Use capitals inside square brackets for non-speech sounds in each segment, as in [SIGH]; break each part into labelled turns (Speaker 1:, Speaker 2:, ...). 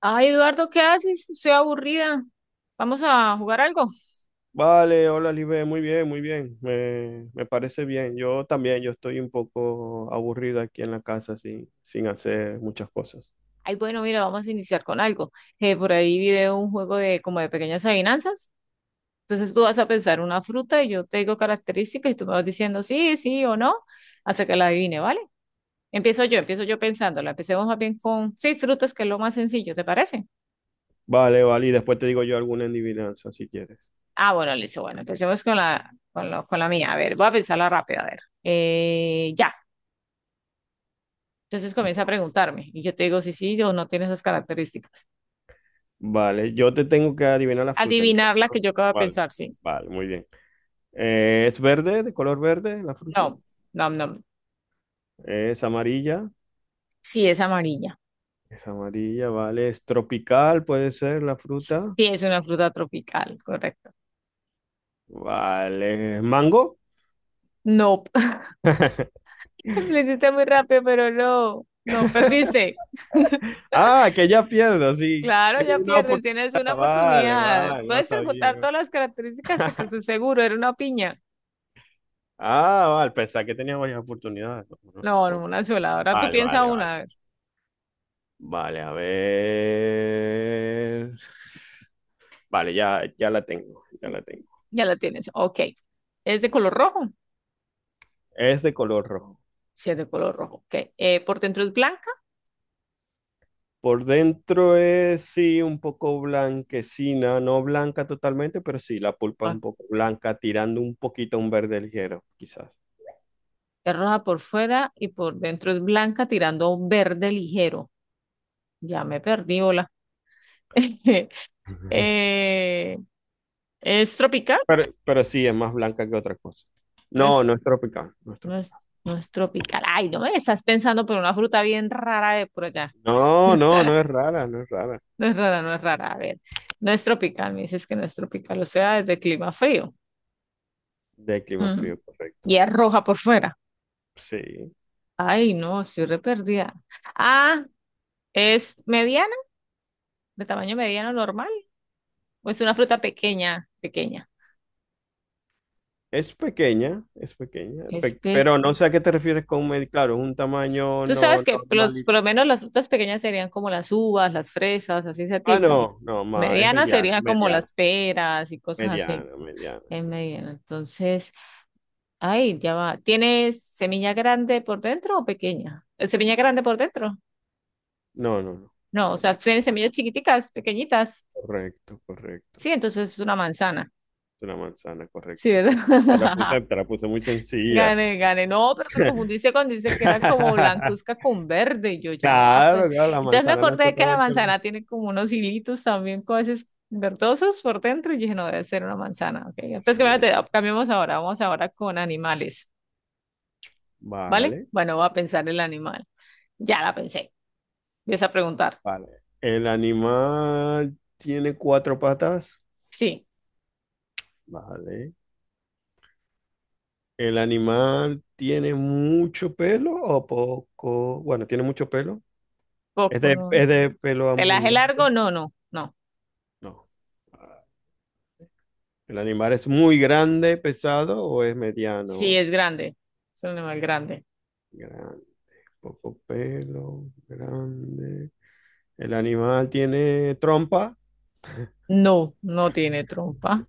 Speaker 1: Ay, Eduardo, ¿qué haces? Estoy aburrida. ¿Vamos a jugar algo?
Speaker 2: Vale, hola Libe, muy bien, me parece bien. Yo también, yo estoy un poco aburrido aquí en la casa sin hacer muchas cosas.
Speaker 1: Ay, bueno, mira, vamos a iniciar con algo. Por ahí vi de un juego de como de pequeñas adivinanzas. Entonces tú vas a pensar una fruta y yo te digo características y tú me vas diciendo sí, sí o no, hasta que la adivine, ¿vale? Empiezo yo pensándola. Empecemos más bien con, sí, frutas, que es lo más sencillo, ¿te parece?
Speaker 2: Vale, vale, y después te digo yo alguna adivinanza si quieres.
Speaker 1: Ah, bueno, listo, bueno, empecemos con la, con la mía. A ver, voy a pensarla rápida, a ver. Ya. Entonces comienza a preguntarme y yo te digo si sí o no tienes esas características.
Speaker 2: Vale, yo te tengo que adivinar la fruta
Speaker 1: Adivinar
Speaker 2: entonces,
Speaker 1: la que
Speaker 2: ¿no?
Speaker 1: yo acabo de
Speaker 2: Vale,
Speaker 1: pensar, sí.
Speaker 2: vale, muy bien. ¿Es verde, de color verde la
Speaker 1: No,
Speaker 2: fruta?
Speaker 1: no, no.
Speaker 2: ¿Es amarilla?
Speaker 1: Sí, es amarilla.
Speaker 2: Es amarilla, vale. ¿Es tropical, puede ser la fruta?
Speaker 1: Sí, es una fruta tropical, correcto.
Speaker 2: Vale, ¿mango?
Speaker 1: No, [LAUGHS] lo hiciste muy rápido, pero no, no, perdiste. [LAUGHS]
Speaker 2: Ah, que ya pierdo, sí.
Speaker 1: Claro,
Speaker 2: Tengo
Speaker 1: ya
Speaker 2: una.
Speaker 1: pierdes, tienes una
Speaker 2: Ah, vale,
Speaker 1: oportunidad.
Speaker 2: vale, no
Speaker 1: Puedes
Speaker 2: sabía.
Speaker 1: preguntar
Speaker 2: ¿No?
Speaker 1: todas las características hasta que
Speaker 2: [LAUGHS]
Speaker 1: estés seguro, era una piña.
Speaker 2: Ah, vale, pensaba que tenía varias oportunidades. No, no,
Speaker 1: No, no,
Speaker 2: no.
Speaker 1: una sola. Ahora tú
Speaker 2: Vale,
Speaker 1: piensa
Speaker 2: vale, vale.
Speaker 1: una, a ver.
Speaker 2: Vale, a ver. Vale, ya, ya la tengo, ya la tengo.
Speaker 1: Ya la tienes. Ok. ¿Es de color rojo?
Speaker 2: Es de color rojo.
Speaker 1: Sí, es de color rojo. Ok. ¿Por dentro es blanca?
Speaker 2: Por dentro es, sí, un poco blanquecina, no blanca totalmente, pero sí, la pulpa es un
Speaker 1: Ok.
Speaker 2: poco blanca, tirando un poquito a un verde ligero, quizás.
Speaker 1: Es roja por fuera y por dentro es blanca tirando a un verde ligero. Ya me perdí, hola. [LAUGHS]
Speaker 2: [LAUGHS]
Speaker 1: Eh, ¿Es tropical?
Speaker 2: Pero sí, es más blanca que otra cosa. No, no
Speaker 1: Es,
Speaker 2: es tropical, no es
Speaker 1: no es,
Speaker 2: tropical.
Speaker 1: no es tropical. Ay, no me estás pensando por una fruta bien rara de por allá.
Speaker 2: No, no, no es rara, no es rara.
Speaker 1: No es rara, no es rara. A ver, no es tropical, me dices que no es tropical, o sea, es de clima frío.
Speaker 2: De clima
Speaker 1: Mm.
Speaker 2: frío, correcto.
Speaker 1: Y es roja por fuera.
Speaker 2: Sí.
Speaker 1: Ay, no, estoy re perdida. Ah, ¿es mediana? ¿De tamaño mediano normal? ¿O es una fruta pequeña? Pequeña.
Speaker 2: Es pequeña,
Speaker 1: Es pequeña.
Speaker 2: pero no sé a qué te refieres con medio. Claro, es un tamaño
Speaker 1: Tú
Speaker 2: no
Speaker 1: sabes que
Speaker 2: normal.
Speaker 1: los,
Speaker 2: Y...
Speaker 1: por lo menos las frutas pequeñas serían como las uvas, las fresas, así ese
Speaker 2: ah,
Speaker 1: tipo.
Speaker 2: no, no, ma,
Speaker 1: Medianas
Speaker 2: es
Speaker 1: serían como
Speaker 2: mediana,
Speaker 1: las peras y cosas así.
Speaker 2: mediana, mediana,
Speaker 1: En
Speaker 2: sí.
Speaker 1: mediano. Entonces, ay, ya va. ¿Tienes semilla grande por dentro o pequeña? ¿Semilla grande por dentro?
Speaker 2: No, no, no.
Speaker 1: No, o
Speaker 2: No.
Speaker 1: sea, tienes semillas chiquiticas, pequeñitas.
Speaker 2: Correcto, correcto. Es
Speaker 1: Sí, entonces es una manzana.
Speaker 2: una manzana,
Speaker 1: Sí,
Speaker 2: correcto.
Speaker 1: ¿verdad? [LAUGHS]
Speaker 2: Te la puse muy sencilla.
Speaker 1: Gane, gane. No, pero me confundiste cuando dice que era como blancuzca
Speaker 2: [LAUGHS]
Speaker 1: con verde. Y yo ya va, pues.
Speaker 2: Claro, claro, la
Speaker 1: Entonces me
Speaker 2: manzana no es
Speaker 1: acordé que la
Speaker 2: totalmente.
Speaker 1: manzana tiene como unos hilitos también, cosas verdosos por dentro. Y dije, no, debe ser una manzana. Ok. Entonces,
Speaker 2: Sí,
Speaker 1: cambiemos ahora. Vamos ahora con animales. ¿Vale?
Speaker 2: vale.
Speaker 1: Bueno, voy a pensar el animal. Ya la pensé. Empieza a preguntar.
Speaker 2: Vale. El animal tiene cuatro patas.
Speaker 1: Sí,
Speaker 2: Vale. El animal tiene mucho pelo o poco. Bueno, tiene mucho pelo. Es
Speaker 1: poco,
Speaker 2: de,
Speaker 1: no.
Speaker 2: es
Speaker 1: No.
Speaker 2: de pelo
Speaker 1: ¿Pelaje
Speaker 2: abundante.
Speaker 1: largo? No, no, no.
Speaker 2: No. El animal es muy grande, pesado o es
Speaker 1: Sí,
Speaker 2: mediano.
Speaker 1: es grande. Es un animal grande.
Speaker 2: Grande. Poco pelo, grande. El animal tiene trompa.
Speaker 1: No, no tiene trompa.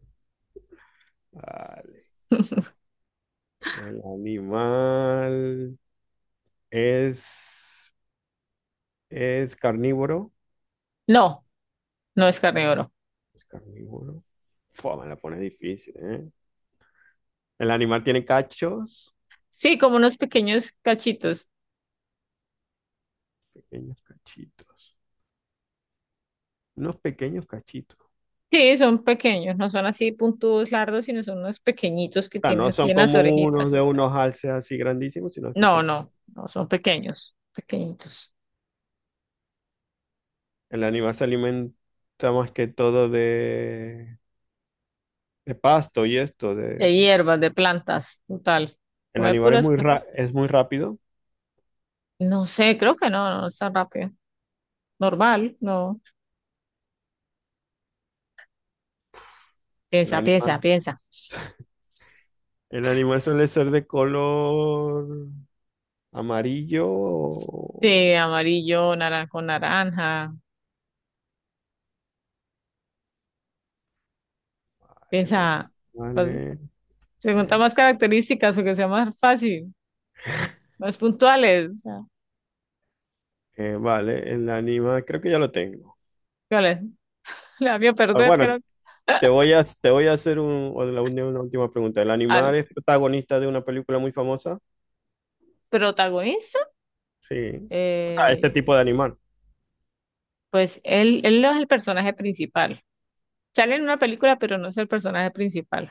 Speaker 2: Vale.
Speaker 1: [LAUGHS]
Speaker 2: El animal es, es carnívoro.
Speaker 1: No, no es carnívoro.
Speaker 2: Es carnívoro. Fua, me la pone difícil, ¿eh? El animal tiene cachos,
Speaker 1: Sí, como unos pequeños cachitos.
Speaker 2: pequeños cachitos, unos pequeños cachitos.
Speaker 1: Sí, son pequeños, no son así puntudos largos, sino son unos pequeñitos que
Speaker 2: O sea,
Speaker 1: tienen
Speaker 2: no
Speaker 1: aquí
Speaker 2: son
Speaker 1: en las
Speaker 2: como unos de
Speaker 1: orejitas.
Speaker 2: unos alces así grandísimos, sino que
Speaker 1: No,
Speaker 2: son...
Speaker 1: no, no, son pequeños, pequeñitos.
Speaker 2: El animal se alimenta más que todo de pasto y esto.
Speaker 1: De
Speaker 2: De...
Speaker 1: hierbas, de plantas, total.
Speaker 2: el
Speaker 1: Come
Speaker 2: animal es
Speaker 1: puras
Speaker 2: muy,
Speaker 1: plantas.
Speaker 2: es muy rápido.
Speaker 1: No sé, creo que no, no es tan rápido. Normal, no.
Speaker 2: El
Speaker 1: Piensa,
Speaker 2: animal,
Speaker 1: piensa, piensa.
Speaker 2: el animal suele ser de color amarillo.
Speaker 1: Sí, amarillo, naranjo, naranja.
Speaker 2: Vale,
Speaker 1: Piensa, pues,
Speaker 2: vale.
Speaker 1: pregunta
Speaker 2: eh,
Speaker 1: más características porque sea más fácil, más puntuales, o sea,
Speaker 2: vale, el animal, creo que ya lo tengo.
Speaker 1: ¿cuál es? La vio
Speaker 2: Ah,
Speaker 1: perder,
Speaker 2: bueno,
Speaker 1: creo,
Speaker 2: te voy a hacer una última pregunta. ¿El
Speaker 1: al
Speaker 2: animal es protagonista de una película muy famosa?
Speaker 1: protagonista.
Speaker 2: Sí. O sea, ese
Speaker 1: eh,
Speaker 2: tipo de animal.
Speaker 1: pues él no es el personaje principal. Sale en una película, pero no es el personaje principal.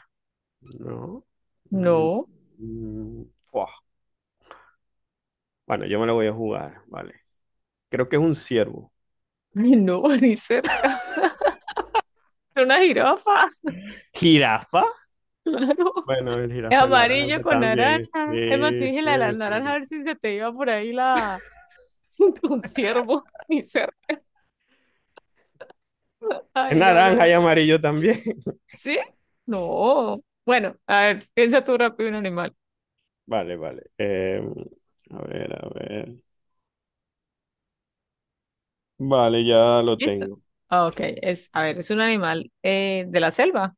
Speaker 2: No. Mm,
Speaker 1: No,
Speaker 2: mm, fuah. Bueno, yo me lo voy a jugar, vale. Creo que es un ciervo.
Speaker 1: no, [LAUGHS] ni cerca. Una jirafa,
Speaker 2: ¿Jirafa?
Speaker 1: [LAUGHS] claro.
Speaker 2: Bueno, el
Speaker 1: Es
Speaker 2: jirafa es
Speaker 1: amarillo
Speaker 2: naranja
Speaker 1: con
Speaker 2: también.
Speaker 1: naranja. Es más, te
Speaker 2: Sí,
Speaker 1: dije
Speaker 2: sí,
Speaker 1: la de la naranja, a
Speaker 2: sí.
Speaker 1: ver si se te iba por ahí la [LAUGHS] un ciervo, ni cerca.
Speaker 2: Es
Speaker 1: Ay, no, no, no.
Speaker 2: naranja y amarillo también. [LAUGHS]
Speaker 1: ¿Sí? No. Bueno, a ver, piensa tú rápido un animal.
Speaker 2: Vale, vale. A ver, a ver. Vale, ya lo
Speaker 1: Listo.
Speaker 2: tengo.
Speaker 1: Ah, ok,
Speaker 2: Sí.
Speaker 1: es un animal de la selva,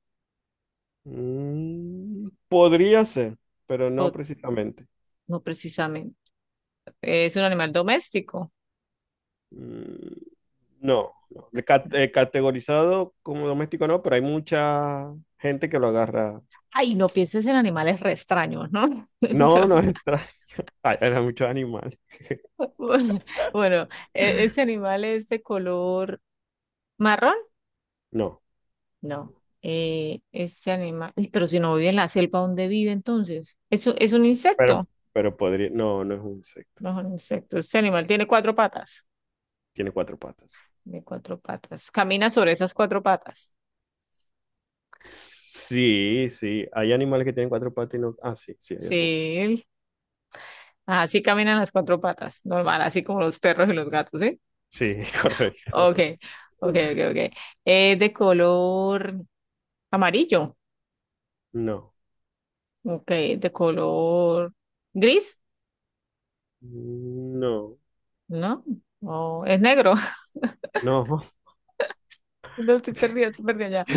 Speaker 2: Mm, podría ser, pero
Speaker 1: o
Speaker 2: no precisamente.
Speaker 1: no precisamente, es un animal doméstico.
Speaker 2: Mm, no, no. Categorizado como doméstico no, pero hay mucha gente que lo agarra.
Speaker 1: Ay, no pienses en animales re extraños, ¿no? [LAUGHS] No.
Speaker 2: No, no entra. [LAUGHS] Hay muchos animales.
Speaker 1: Bueno, bueno, ¿este
Speaker 2: [LAUGHS]
Speaker 1: animal es de color marrón?
Speaker 2: No,
Speaker 1: No. Ese animal, uy, pero si no vive en la selva, ¿dónde vive entonces? ¿Es un insecto?
Speaker 2: pero podría. No, no es un insecto.
Speaker 1: No es un insecto. Este animal tiene cuatro patas.
Speaker 2: Tiene cuatro patas.
Speaker 1: Tiene cuatro patas. Camina sobre esas cuatro patas.
Speaker 2: Sí, sí. Hay animales que tienen cuatro patas y no. Ah, sí, sí, hay algunos.
Speaker 1: Sí, ajá, sí caminan las cuatro patas, normal, así como los perros y los gatos, ¿sí?
Speaker 2: Sí, [LAUGHS] correcto.
Speaker 1: Ok, ok, ok, ok. Es de color amarillo,
Speaker 2: No,
Speaker 1: ok, de color gris,
Speaker 2: no,
Speaker 1: ¿no? No, es negro,
Speaker 2: no.
Speaker 1: [LAUGHS] no estoy perdida,
Speaker 2: [LAUGHS]
Speaker 1: estoy perdida ya.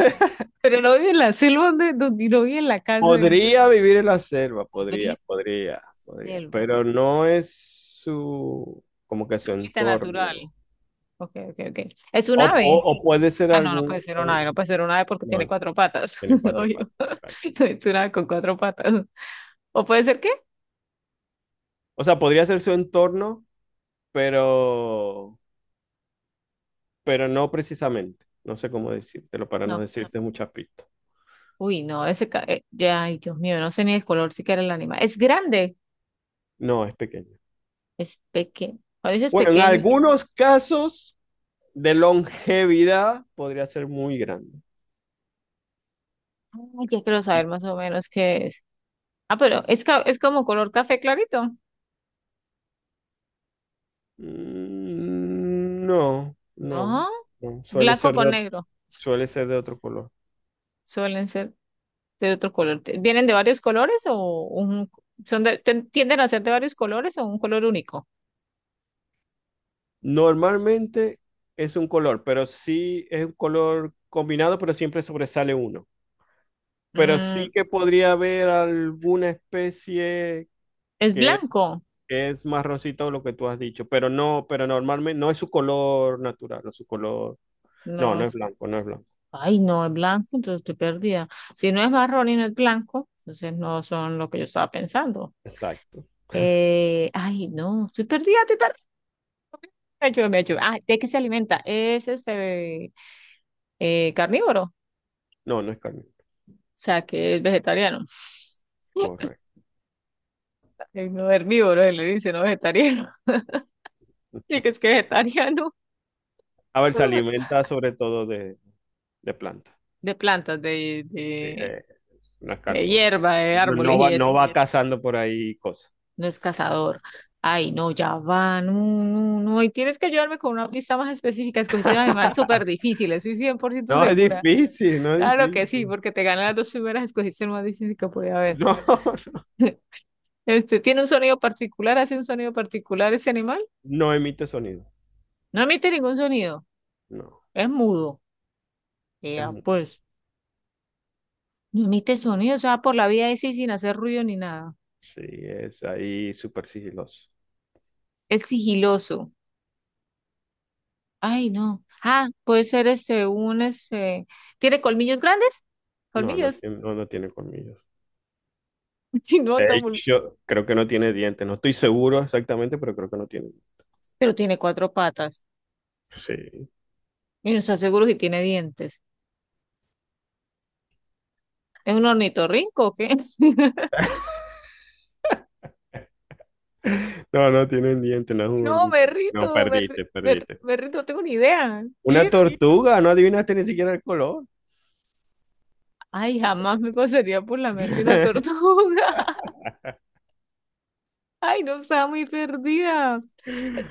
Speaker 1: Pero lo vi en la selva, donde lo vi en la casa del
Speaker 2: Podría vivir en la selva, podría,
Speaker 1: podrido
Speaker 2: podría, podría,
Speaker 1: selva,
Speaker 2: pero no es su, como que
Speaker 1: su
Speaker 2: su
Speaker 1: hábitat natural.
Speaker 2: entorno.
Speaker 1: Ok, ok, ok. Es un
Speaker 2: O,
Speaker 1: ave.
Speaker 2: o puede ser
Speaker 1: Ah, no, no puede ser un ave, no
Speaker 2: algún-
Speaker 1: puede ser un ave porque tiene
Speaker 2: no,
Speaker 1: cuatro patas,
Speaker 2: tiene
Speaker 1: [LAUGHS]
Speaker 2: cuatro
Speaker 1: obvio.
Speaker 2: patas, exacto.
Speaker 1: [LAUGHS] Es un ave con cuatro patas. ¿O puede ser qué?
Speaker 2: O sea, podría ser su entorno, pero, pero no precisamente. No sé cómo decírtelo para no decirte muchas pistas.
Speaker 1: Uy, no, ese, ya, ay, Dios mío, no sé ni el color siquiera el animal. Es grande,
Speaker 2: No, es pequeño.
Speaker 1: es pequeño. A veces
Speaker 2: Bueno, en
Speaker 1: pequeño.
Speaker 2: algunos casos de longevidad podría ser muy grande.
Speaker 1: Ah, ya quiero saber más o menos qué es. Ah, pero es como color café clarito.
Speaker 2: Mm, no,
Speaker 1: No,
Speaker 2: no, no.
Speaker 1: blanco con negro.
Speaker 2: Suele ser de otro color.
Speaker 1: Suelen ser de otro color. ¿Vienen de varios colores o un, tienden a ser de varios colores o un color único?
Speaker 2: Normalmente es un color, pero sí es un color combinado, pero siempre sobresale uno. Pero sí
Speaker 1: Mm,
Speaker 2: que podría haber alguna especie
Speaker 1: es blanco.
Speaker 2: que es marroncito, lo que tú has dicho, pero no, pero normalmente no es su color natural, o su color.
Speaker 1: No,
Speaker 2: No, no es blanco, no es blanco.
Speaker 1: ay, no, es blanco, entonces estoy perdida. Si no es marrón y no es blanco, entonces no son lo que yo estaba pensando.
Speaker 2: Exacto.
Speaker 1: Ay, no, estoy perdida, estoy perdida. Me ayuda, me ayuda. Ah, ¿de qué se alimenta? Es este carnívoro, o
Speaker 2: No, no es carne.
Speaker 1: sea, que es vegetariano.
Speaker 2: Correcto.
Speaker 1: No herbívoro, él le dice, no vegetariano. [LAUGHS] Y que
Speaker 2: [LAUGHS]
Speaker 1: es que vegetariano
Speaker 2: A ver, se
Speaker 1: [LAUGHS]
Speaker 2: alimenta sobre todo de plantas.
Speaker 1: de plantas, de,
Speaker 2: Sí,
Speaker 1: de,
Speaker 2: no es
Speaker 1: de
Speaker 2: carnívoro.
Speaker 1: hierba, de
Speaker 2: No,
Speaker 1: árboles y eso.
Speaker 2: no va cazando por ahí cosas.
Speaker 1: No es cazador. Ay, no, ya va, no, no, no. Y tienes que ayudarme con una pista más específica. Escogiste un animal súper
Speaker 2: [LAUGHS]
Speaker 1: difícil, estoy 100%
Speaker 2: No es
Speaker 1: segura.
Speaker 2: difícil, no es
Speaker 1: Claro que sí,
Speaker 2: difícil.
Speaker 1: porque te ganan las dos primeras, escogiste el más difícil que podía haber.
Speaker 2: No, [LAUGHS] no,
Speaker 1: Este, tiene un sonido particular, hace un sonido particular ese animal.
Speaker 2: no emite sonido.
Speaker 1: No emite ningún sonido,
Speaker 2: No,
Speaker 1: es mudo.
Speaker 2: es
Speaker 1: Ya,
Speaker 2: mu-
Speaker 1: pues, no emite sonido, o sea, por la vida ese sin hacer ruido ni nada.
Speaker 2: sí, es ahí súper sigiloso.
Speaker 1: Es sigiloso. Ay, no. Ah, puede ser este, un ese. ¿Tiene colmillos grandes?
Speaker 2: No, no,
Speaker 1: Colmillos. [LAUGHS]
Speaker 2: no tiene colmillos.
Speaker 1: Sí, no,
Speaker 2: De
Speaker 1: Tom,
Speaker 2: hecho, creo que no tiene dientes. No estoy seguro exactamente, pero creo que no tiene.
Speaker 1: pero tiene cuatro patas.
Speaker 2: Sí.
Speaker 1: Y no está seguro si tiene dientes. ¿Es un ornitorrinco o qué? [LAUGHS]
Speaker 2: [LAUGHS] No, no tiene dientes, no es un
Speaker 1: No, me
Speaker 2: ornitorrinco. No,
Speaker 1: rito, me, ri-
Speaker 2: perdiste,
Speaker 1: me,
Speaker 2: perdiste.
Speaker 1: me rito, no tengo ni idea.
Speaker 2: Una
Speaker 1: ¿Qué
Speaker 2: tortuga, no adivinaste ni siquiera el color.
Speaker 1: Ay, jamás me pasaría por la mente una
Speaker 2: [LAUGHS]
Speaker 1: tortuga. [LAUGHS] Ay, no, estaba muy perdida.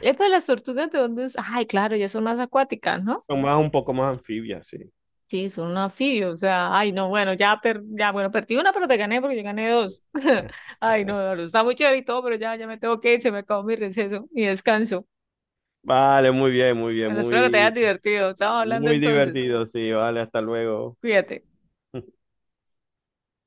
Speaker 1: Es para las tortugas de dónde es. Ay, claro, ya son más acuáticas, ¿no?
Speaker 2: Son más un poco más anfibias, sí.
Speaker 1: Sí, son un anfibio. O sea, ay, no, bueno, ya, per... ya, bueno, perdí una, pero te gané porque yo gané dos. [LAUGHS] Ay, no, no, no, está muy chévere y todo, pero ya, ya me tengo que ir, se me acabó mi receso, mi descanso.
Speaker 2: Vale, muy bien, muy bien,
Speaker 1: Bueno, espero que te hayas
Speaker 2: muy,
Speaker 1: divertido. Estamos hablando
Speaker 2: muy
Speaker 1: entonces.
Speaker 2: divertido, sí, vale, hasta luego.
Speaker 1: Cuídate.
Speaker 2: [LAUGHS]